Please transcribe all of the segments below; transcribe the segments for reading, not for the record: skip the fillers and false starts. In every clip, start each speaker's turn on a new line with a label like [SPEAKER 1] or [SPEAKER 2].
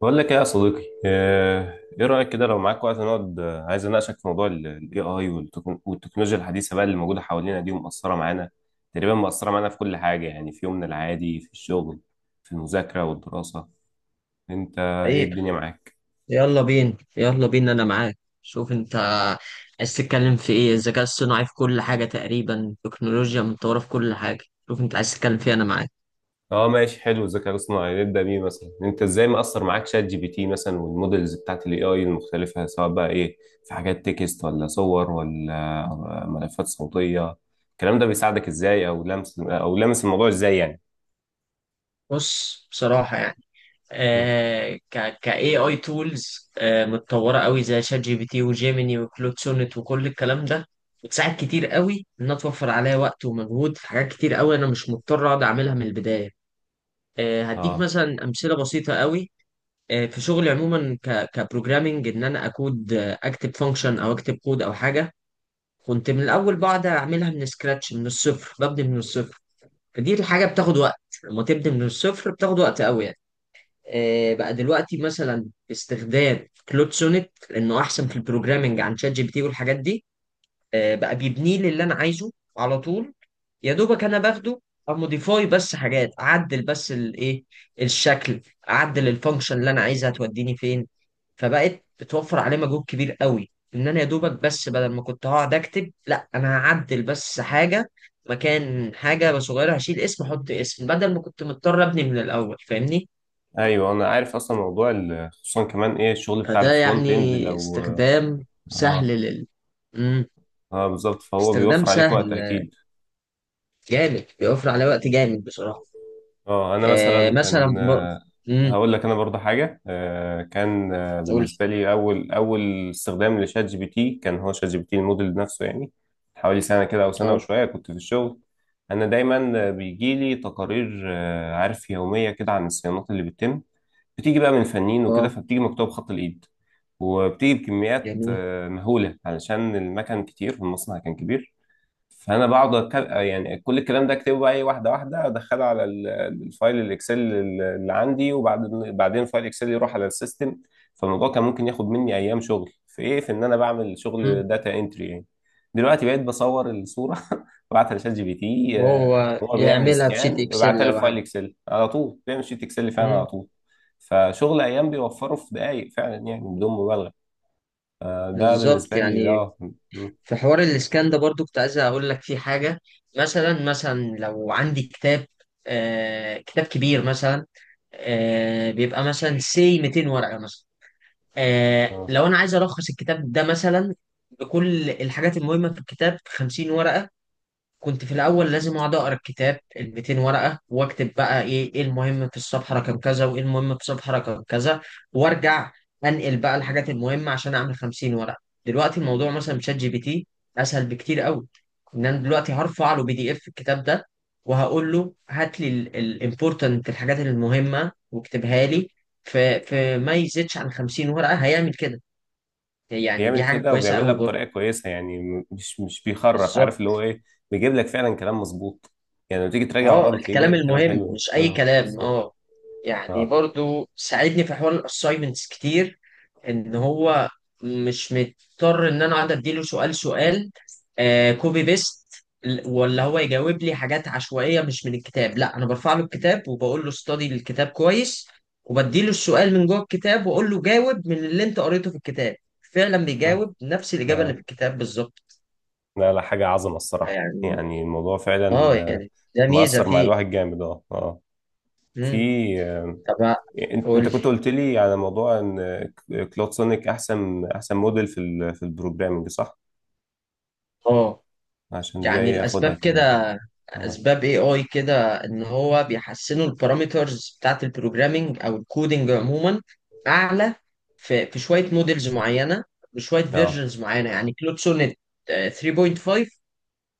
[SPEAKER 1] بقول لك ايه يا صديقي آه، ايه رأيك كده لو معاك وقت نقعد عايز اناقشك في موضوع الاي اي والتكنولوجيا الحديثة بقى اللي موجودة حوالينا دي ومأثرة معانا. تقريبا مأثرة معانا في كل حاجة، يعني في يومنا العادي، في الشغل، في المذاكرة والدراسة. انت ايه
[SPEAKER 2] حقيقة.
[SPEAKER 1] الدنيا معاك؟
[SPEAKER 2] يلا بينا يلا بينا، أنا معاك. شوف أنت عايز تتكلم في إيه؟ الذكاء الصناعي في كل حاجة تقريبا، التكنولوجيا متطورة في كل حاجة. شوف أنت عايز تتكلم فيه، أنا معاك.
[SPEAKER 1] اه ماشي، حلو. الذكاء الاصطناعي نبدأ بيه. مثلا انت ازاي مأثر معاك شات جي بي تي مثلا والمودلز بتاعت الاي اي المختلفة، سواء بقى ايه، في حاجات تكست ولا صور ولا ملفات صوتية. الكلام ده بيساعدك ازاي او لمس او لمس الموضوع ازاي يعني؟
[SPEAKER 2] بص، بصراحة يعني،
[SPEAKER 1] مم.
[SPEAKER 2] ك ك AI tools متطورة قوي، زي شات جي بي تي وجيميني وكلود سونيت وكل الكلام ده، بتساعد كتير قوي. إنها توفر عليا وقت ومجهود في حاجات كتير قوي، أنا مش مضطر أقعد أعملها من البداية. هديك
[SPEAKER 1] اه
[SPEAKER 2] مثلا أمثلة بسيطة قوي. في شغلي عموما ك كبروجرامينج، انا اكود، اكتب فانكشن او اكتب كود او حاجه. كنت من الاول بقعد اعملها من سكراتش، من الصفر، ببني من الصفر. فدي الحاجه بتاخد وقت، لما تبني من الصفر بتاخد وقت قوي يعني. بقى دلوقتي مثلا باستخدام كلود سونيت، لانه احسن في البروجرامينج عن شات جي بي تي والحاجات دي. بقى بيبنيه لي اللي انا عايزه على طول، يا دوبك انا باخده اموديفاي، بس حاجات اعدل، بس الايه، الشكل، اعدل الفانكشن اللي انا عايزها توديني فين. فبقت بتوفر عليه مجهود كبير قوي، انا يا دوبك بس بدل ما كنت هقعد اكتب، لا انا هعدل بس حاجه مكان حاجه صغيره، هشيل اسم احط اسم، بدل ما كنت مضطر ابني من الاول، فاهمني؟
[SPEAKER 1] ايوه انا عارف، اصلا موضوع ال- خصوصا كمان ايه الشغل بتاع
[SPEAKER 2] فده
[SPEAKER 1] الفرونت
[SPEAKER 2] يعني
[SPEAKER 1] اند لو.
[SPEAKER 2] استخدام سهل
[SPEAKER 1] اه
[SPEAKER 2] مم.
[SPEAKER 1] اه بالظبط، فهو
[SPEAKER 2] استخدام
[SPEAKER 1] بيوفر عليك وقت
[SPEAKER 2] سهل
[SPEAKER 1] اكيد.
[SPEAKER 2] جامد، بيوفر عليه وقت جامد بصراحه.
[SPEAKER 1] اه انا مثلا
[SPEAKER 2] مثلا
[SPEAKER 1] كان
[SPEAKER 2] مم.
[SPEAKER 1] هقول لك انا برضه حاجه، آه، كان آه،
[SPEAKER 2] قول.
[SPEAKER 1] بالنسبه لي اول استخدام لشات جي بي تي كان هو شات جي بي تي، الموديل نفسه يعني. حوالي سنه كده او سنه
[SPEAKER 2] اه،
[SPEAKER 1] وشويه، كنت في الشغل. انا دايما بيجي لي تقارير، عارف، يوميه كده عن الصيانات اللي بتتم. بتيجي بقى من فنيين وكده،
[SPEAKER 2] اه،
[SPEAKER 1] فبتيجي مكتوبة بخط الإيد، وبتيجي بكميات
[SPEAKER 2] جميل.
[SPEAKER 1] مهولة علشان المكن كتير والمصنع كان كبير. فأنا بقعد يعني كل الكلام ده أكتبه بقى إيه، واحدة واحدة أدخله على ال- الفايل الإكسل اللي عندي، وبعدين فايل إكسل يروح على السيستم. فالموضوع كان ممكن ياخد مني أيام شغل في إيه، في إن أنا بعمل شغل
[SPEAKER 2] مم.
[SPEAKER 1] داتا إنتري يعني. دلوقتي بقيت بصور الصورة وابعتها لشات جي بي تي.
[SPEAKER 2] وهو
[SPEAKER 1] هو بيعمل
[SPEAKER 2] يعملها بشيت
[SPEAKER 1] سكان ويبعتها
[SPEAKER 2] اكسل
[SPEAKER 1] لي في
[SPEAKER 2] او
[SPEAKER 1] فايل
[SPEAKER 2] حاجه؟
[SPEAKER 1] إكسل على طول، بيعمل شيت إكسل فعلا على
[SPEAKER 2] مم.
[SPEAKER 1] طول. فشغل أيام بيوفره في دقايق، فعلا يعني بدون مبالغة. ده
[SPEAKER 2] بالظبط
[SPEAKER 1] بالنسبة لي، ده
[SPEAKER 2] يعني.
[SPEAKER 1] اه م-
[SPEAKER 2] في حوار الاسكان ده برضو كنت عايز اقول لك فيه حاجه. مثلا لو عندي كتاب، كتاب كبير مثلا، بيبقى مثلا سي 200 ورقه مثلا.
[SPEAKER 1] آه.
[SPEAKER 2] لو انا عايز الخص الكتاب ده مثلا بكل الحاجات المهمه في الكتاب في 50 ورقه، كنت في الاول لازم اقعد اقرا الكتاب ال 200 ورقه واكتب بقى ايه المهم في الصفحه رقم كذا وايه المهم في الصفحه رقم كذا، وارجع انقل بقى الحاجات المهمه عشان اعمل 50 ورقه. دلوقتي الموضوع مثلا بشات جي بي تي اسهل بكتير قوي، انا دلوقتي هرفع له بي دي اف الكتاب ده، وهقول له هات لي الامبورتنت، الحاجات المهمه، واكتبها لي في ما يزيدش عن 50 ورقه، هيعمل كده. يعني دي
[SPEAKER 1] بيعمل
[SPEAKER 2] حاجه
[SPEAKER 1] كده
[SPEAKER 2] كويسه
[SPEAKER 1] وبيعملها
[SPEAKER 2] قوي برضه.
[SPEAKER 1] بطريقة كويسة يعني، مش بيخرف، عارف اللي
[SPEAKER 2] بالظبط.
[SPEAKER 1] هو ايه. بيجيب لك فعلا كلام مظبوط. يعني لما تيجي تراجع وراه
[SPEAKER 2] اه
[SPEAKER 1] بتلاقيه
[SPEAKER 2] الكلام
[SPEAKER 1] جايب كلام
[SPEAKER 2] المهم،
[SPEAKER 1] حلو.
[SPEAKER 2] مش اي
[SPEAKER 1] اه
[SPEAKER 2] كلام.
[SPEAKER 1] بالظبط.
[SPEAKER 2] اه يعني
[SPEAKER 1] اه
[SPEAKER 2] برضو ساعدني في حوار الاساينمنتس كتير، ان هو مش مضطر انا اقعد اديله سؤال سؤال، كوبي بيست، ولا هو يجاوب لي حاجات عشوائيه مش من الكتاب. لا انا برفع له الكتاب وبقول له استدي الكتاب كويس، وبديله السؤال من جوه الكتاب واقول له جاوب من اللي انت قريته في الكتاب. فعلا
[SPEAKER 1] اه
[SPEAKER 2] بيجاوب نفس الاجابه اللي في
[SPEAKER 1] اه،
[SPEAKER 2] الكتاب بالظبط.
[SPEAKER 1] لا لا، حاجة عظمة الصراحة
[SPEAKER 2] يعني،
[SPEAKER 1] يعني. الموضوع فعلا
[SPEAKER 2] اه يعني ده ميزه
[SPEAKER 1] مأثر مع
[SPEAKER 2] فيه.
[SPEAKER 1] الواحد جامد. اه اه. في
[SPEAKER 2] مم.
[SPEAKER 1] آه،
[SPEAKER 2] طب
[SPEAKER 1] انت
[SPEAKER 2] قول لي.
[SPEAKER 1] كنت قلت لي على موضوع ان كلود سونيك احسن موديل في ال- في البروجرامنج، صح؟
[SPEAKER 2] اه
[SPEAKER 1] عشان دي
[SPEAKER 2] يعني
[SPEAKER 1] ايه اخدها
[SPEAKER 2] الاسباب
[SPEAKER 1] كده.
[SPEAKER 2] كده،
[SPEAKER 1] اه
[SPEAKER 2] اسباب اي اي كده، ان هو بيحسنوا البارامترز بتاعت البروجرامينج او الكودينج عموما، اعلى في شويه موديلز معينه بشويه
[SPEAKER 1] اه
[SPEAKER 2] فيرجنز معينه. يعني كلود سونيت 3.5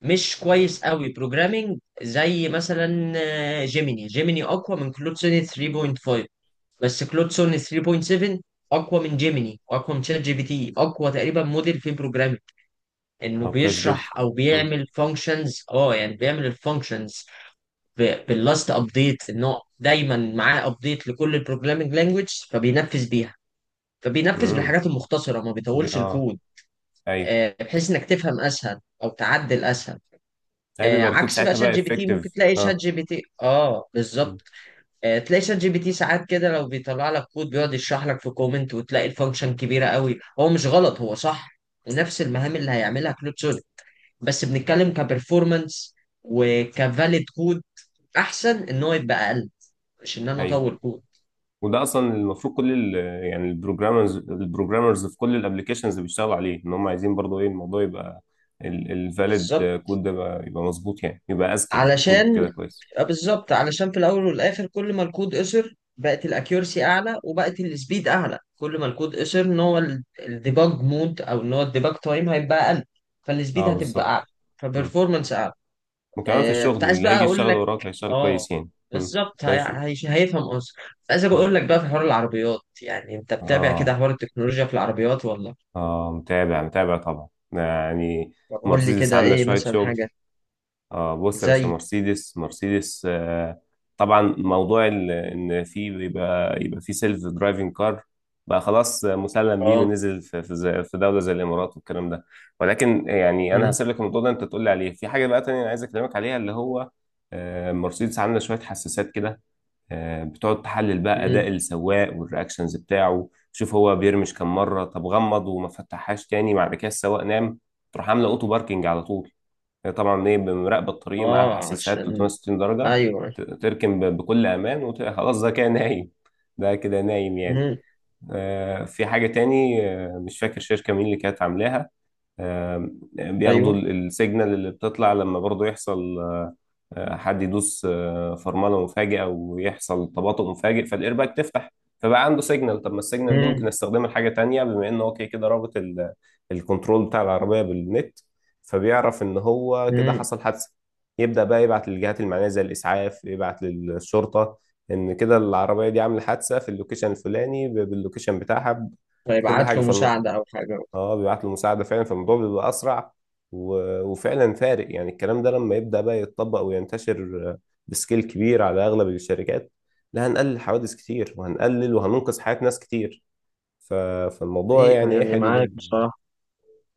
[SPEAKER 2] مش كويس قوي بروجرامينج زي مثلا جيميني. جيميني اقوى من كلود سونيت 3.5، بس كلود سونيت 3.7 اقوى من جيميني، اقوى من شات جي بي تي، اقوى تقريبا موديل في انه
[SPEAKER 1] كويس جدا.
[SPEAKER 2] بيشرح او بيعمل فانكشنز. اه يعني بيعمل الفانكشنز باللاست ابديت، انه دايما معاه ابديت لكل البروجرامينج لانجويج فبينفذ بيها. فبينفذ
[SPEAKER 1] امم
[SPEAKER 2] بالحاجات المختصره، ما
[SPEAKER 1] دي
[SPEAKER 2] بيطولش
[SPEAKER 1] اه
[SPEAKER 2] الكود،
[SPEAKER 1] ايوه.
[SPEAKER 2] بحيث انك تفهم اسهل او تعدل اسهل.
[SPEAKER 1] ايوه بيبقى الكود
[SPEAKER 2] عكس بقى
[SPEAKER 1] ساعتها
[SPEAKER 2] شات
[SPEAKER 1] بقى
[SPEAKER 2] جي بي تي، ممكن
[SPEAKER 1] افكتيف،
[SPEAKER 2] تلاقي شات
[SPEAKER 1] اه.
[SPEAKER 2] جي بي تي، اه
[SPEAKER 1] مم.
[SPEAKER 2] بالظبط. تلاقي شات جي بي تي ساعات كده لو بيطلع لك كود بيقعد يشرح لك في كومنت، وتلاقي الفانكشن كبيره قوي. هو مش غلط هو صح، ونفس المهام اللي هيعملها كلود، بس بنتكلم كبرفورمانس وكفاليد كود. احسن ان هو يبقى اقل، مش انا
[SPEAKER 1] ايوه،
[SPEAKER 2] اطور كود.
[SPEAKER 1] وده اصلا المفروض كل ال- يعني البروجرامرز، البروجرامرز في كل الابلكيشنز بيشتغلوا عليه، ان هم عايزين برضه ايه الموضوع يبقى الفاليد
[SPEAKER 2] بالظبط،
[SPEAKER 1] كود ده بقى يبقى مظبوط، يعني يبقى اذكى، يعني كود كده
[SPEAKER 2] علشان
[SPEAKER 1] كويس.
[SPEAKER 2] بالظبط علشان في الاول والاخر، كل ما الكود قصر بقت الاكيورسي اعلى وبقت السبيد اعلى. كل ما الكود قصر، ان هو الديباج مود او ان هو الديباج تايم هيبقى اقل، فالسبيد
[SPEAKER 1] اه
[SPEAKER 2] هتبقى
[SPEAKER 1] بالظبط.
[SPEAKER 2] اعلى،
[SPEAKER 1] مم.
[SPEAKER 2] فبرفورمانس اعلى.
[SPEAKER 1] وكمان في
[SPEAKER 2] كنت
[SPEAKER 1] الشغل
[SPEAKER 2] عايز
[SPEAKER 1] اللي
[SPEAKER 2] بقى
[SPEAKER 1] هيجي
[SPEAKER 2] اقول
[SPEAKER 1] يشتغل
[SPEAKER 2] لك،
[SPEAKER 1] وراك هيشتغل
[SPEAKER 2] اه
[SPEAKER 1] كويس يعني. مم.
[SPEAKER 2] بالظبط.
[SPEAKER 1] ماشي.
[SPEAKER 2] هيفهم قصدي. كنت عايز
[SPEAKER 1] مم.
[SPEAKER 2] اقول لك بقى في حوار العربيات. يعني انت بتابع
[SPEAKER 1] اه.
[SPEAKER 2] كده حوار التكنولوجيا في العربيات ولا؟
[SPEAKER 1] اه متابع متابع طبعا يعني.
[SPEAKER 2] طب قول لي
[SPEAKER 1] مرسيدس
[SPEAKER 2] كده،
[SPEAKER 1] عامله
[SPEAKER 2] ايه
[SPEAKER 1] شويه
[SPEAKER 2] مثلا
[SPEAKER 1] شغل.
[SPEAKER 2] حاجة
[SPEAKER 1] اه بص يا باشا،
[SPEAKER 2] زي؟
[SPEAKER 1] مرسيدس آه طبعا، موضوع ال- ان في بيبقى يبقى في سيلف درايفنج كار بقى خلاص مسلم بيه،
[SPEAKER 2] اه.
[SPEAKER 1] ونزل في في زي- في دوله زي الامارات والكلام ده. ولكن يعني انا
[SPEAKER 2] مم،
[SPEAKER 1] هسيب لك الموضوع ده انت تقول لي عليه. في حاجه بقى تانية انا عايز اكلمك عليها، اللي هو آه مرسيدس عامله شويه حساسات كده بتقعد تحلل بقى اداء
[SPEAKER 2] مم،
[SPEAKER 1] السواق والرياكشنز بتاعه. شوف هو بيرمش كم مره، طب غمض وما فتحهاش تاني، بعد كده السواق نام، تروح عامله اوتو باركنج على طول. هي طبعا ايه بمراقب الطريق،
[SPEAKER 2] اه
[SPEAKER 1] معاها حساسات
[SPEAKER 2] عشان.
[SPEAKER 1] 360 درجة.
[SPEAKER 2] ايوه،
[SPEAKER 1] تركن بكل امان، وخلاص ده كده نايم. ده كده نايم يعني.
[SPEAKER 2] مم،
[SPEAKER 1] في حاجة تاني، مش فاكر شركة مين اللي كانت عاملاها، بياخدوا
[SPEAKER 2] ايوه.
[SPEAKER 1] ال- السيجنال اللي بتطلع لما برضو يحصل حد يدوس فرمله مفاجئه، ويحصل تباطؤ مفاجئ فالايرباك تفتح. فبقى عنده سيجنال، طب ما السيجنال دي ممكن
[SPEAKER 2] مم.
[SPEAKER 1] استخدمها لحاجه تانية، بما ان هو كده كده رابط ال- الكنترول بتاع العربيه بالنت. فبيعرف ان هو كده
[SPEAKER 2] مم.
[SPEAKER 1] حصل حادثه. يبدا بقى يبعت للجهات المعنيه، زي الاسعاف، يبعت للشرطه، ان كده العربيه دي عامله حادثه في اللوكيشن الفلاني، باللوكيشن بتاعها، بكل
[SPEAKER 2] فيبعت
[SPEAKER 1] حاجه.
[SPEAKER 2] له مساعدة او حاجة.
[SPEAKER 1] اه بيبعت له مساعدة فعلا، فالموضوع بيبقى أسرع و... وفعلا فارق يعني. الكلام ده لما يبدأ بقى يتطبق وينتشر بسكيل كبير على أغلب الشركات، لا هنقلل حوادث كتير وهننقذ حياة ناس كتير. ف... فالموضوع
[SPEAKER 2] ايه
[SPEAKER 1] يعني ايه
[SPEAKER 2] يعني؟
[SPEAKER 1] حلو
[SPEAKER 2] معاك
[SPEAKER 1] جدا.
[SPEAKER 2] بصراحة.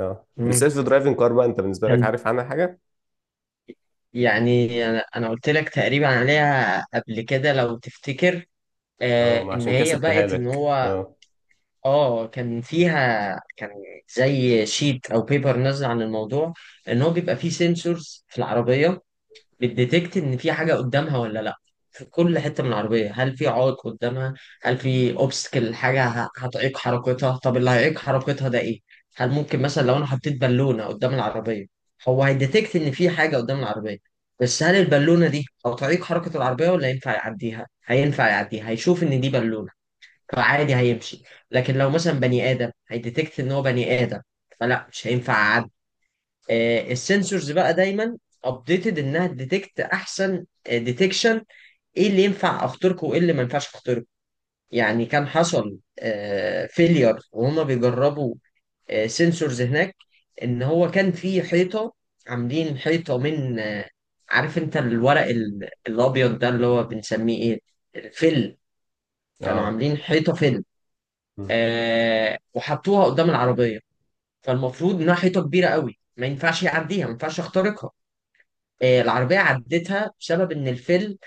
[SPEAKER 1] اه
[SPEAKER 2] مم.
[SPEAKER 1] السيلف درايفنج كار بقى، انت بالنسبة لك
[SPEAKER 2] كان،
[SPEAKER 1] عارف عنها حاجة؟
[SPEAKER 2] يعني أنا قلت لك تقريبا عليها قبل كده لو تفتكر.
[SPEAKER 1] اه ما
[SPEAKER 2] ان
[SPEAKER 1] عشان كده
[SPEAKER 2] هي
[SPEAKER 1] سبتها
[SPEAKER 2] بقت ان
[SPEAKER 1] لك.
[SPEAKER 2] هو.
[SPEAKER 1] اه
[SPEAKER 2] اه كان فيها. كان زي شيت او بيبر نازل عن الموضوع، ان هو بيبقى فيه سنسورز في العربيه بتديتكت ان في حاجه قدامها ولا لا، في كل حته من العربيه. هل في عائق قدامها؟ هل في اوبستكل، حاجه هتعيق حركتها؟ طب اللي هيعيق حركتها ده ايه؟ هل ممكن مثلا لو انا حطيت بالونه قدام العربيه، هو هيديتكت ان في حاجه قدام العربيه، بس هل البالونه دي هتعيق حركه العربيه ولا ينفع يعديها؟ هينفع يعديها، هيشوف ان دي بالونه فعادي هيمشي. لكن لو مثلا بني ادم، هيديتكت ان هو بني ادم فلا مش هينفع اعدي. السنسورز بقى دايما ابديتد انها تديتكت احسن ديتكشن، ايه اللي ينفع اخترقه وايه اللي ما ينفعش اخترقه. يعني كان حصل فيلير وهما بيجربوا سنسورز هناك، ان هو كان في حيطه، عاملين حيطه من، عارف انت الورق الابيض ده اللي هو بنسميه ايه، الفل. كانوا عاملين حيطه فل، وحطوها قدام العربية. فالمفروض إنها حيطة كبيرة قوي، ما ينفعش يعديها ما ينفعش يخترقها. العربية عدتها بسبب إن الفيل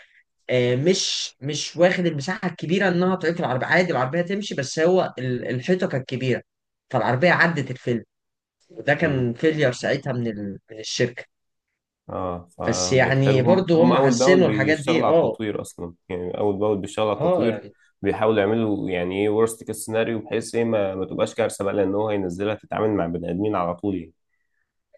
[SPEAKER 2] مش واخد المساحة الكبيرة، إنها تعيق العربية، عادي العربية تمشي، بس هو الحيطة كانت كبيرة، فالعربية عدت الفيل. وده
[SPEAKER 1] اه
[SPEAKER 2] كان فيلير ساعتها من من الشركة.
[SPEAKER 1] اه،
[SPEAKER 2] بس
[SPEAKER 1] فبيحتاجوا
[SPEAKER 2] يعني
[SPEAKER 1] هم،
[SPEAKER 2] برضو هم
[SPEAKER 1] اول باول
[SPEAKER 2] حسنوا الحاجات
[SPEAKER 1] بيشتغلوا
[SPEAKER 2] دي،
[SPEAKER 1] على
[SPEAKER 2] اه.
[SPEAKER 1] التطوير اصلا يعني، اول باول بيشتغلوا على
[SPEAKER 2] اه
[SPEAKER 1] التطوير.
[SPEAKER 2] يعني
[SPEAKER 1] بيحاولوا يعملوا يعني ايه ورست كيس سيناريو، بحيث ايه ما تبقاش كارثه بقى، لان هو هينزلها تتعامل مع بني ادمين على طول يعني.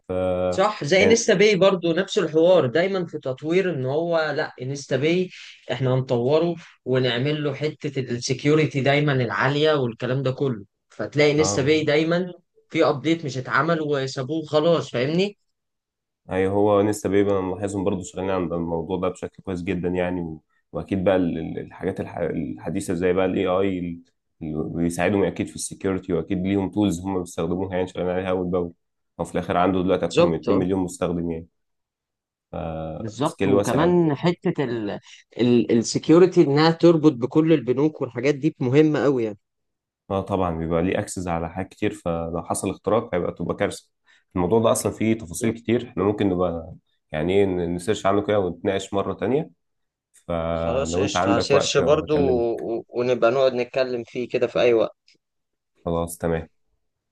[SPEAKER 1] ف
[SPEAKER 2] صح، زي
[SPEAKER 1] يعني
[SPEAKER 2] انستا باي برضو، نفس الحوار، دايما في تطوير. ان هو لا انستا باي، احنا هنطوره ونعمل له حتة السكيورتي دايما العالية والكلام ده كله، فتلاقي انستا
[SPEAKER 1] اه،
[SPEAKER 2] باي دايما في ابديت مش اتعمل وسابوه خلاص، فاهمني؟
[SPEAKER 1] اي هو لسه بيبقى انا ملاحظهم برضه شغالين عند الموضوع ده بشكل كويس جدا يعني واكيد بقى ال- ال- الحاجات الحديثه زي بقى الاي اي بيساعدهم اكيد في السكيورتي، واكيد ليهم تولز هم بيستخدموها، يعني شغالين عليها اول باول. او في الاخر عنده دلوقتي اكتر من
[SPEAKER 2] بالظبط.
[SPEAKER 1] 2
[SPEAKER 2] آه،
[SPEAKER 1] مليون مستخدم يعني،
[SPEAKER 2] بالظبط.
[SPEAKER 1] سكيل واسع قوي.
[SPEAKER 2] وكمان حتة ال السكيورتي، انها تربط بكل البنوك والحاجات دي، مهمة قوي يعني.
[SPEAKER 1] اه طبعا، بيبقى ليه اكسس على حاجات كتير، فلو حصل اختراق هيبقى تبقى كارثه. الموضوع ده اصلا فيه تفاصيل
[SPEAKER 2] بالظبط.
[SPEAKER 1] كتير، احنا ممكن نبقى يعني ايه نسيرش عنه كده ونتناقش مره تانية.
[SPEAKER 2] خلاص
[SPEAKER 1] فلو انت
[SPEAKER 2] قشطة،
[SPEAKER 1] عندك
[SPEAKER 2] هسيرش
[SPEAKER 1] وقت
[SPEAKER 2] برضو،
[SPEAKER 1] اكلمك.
[SPEAKER 2] ونبقى نقعد نتكلم فيه كده في اي وقت.
[SPEAKER 1] خلاص تمام.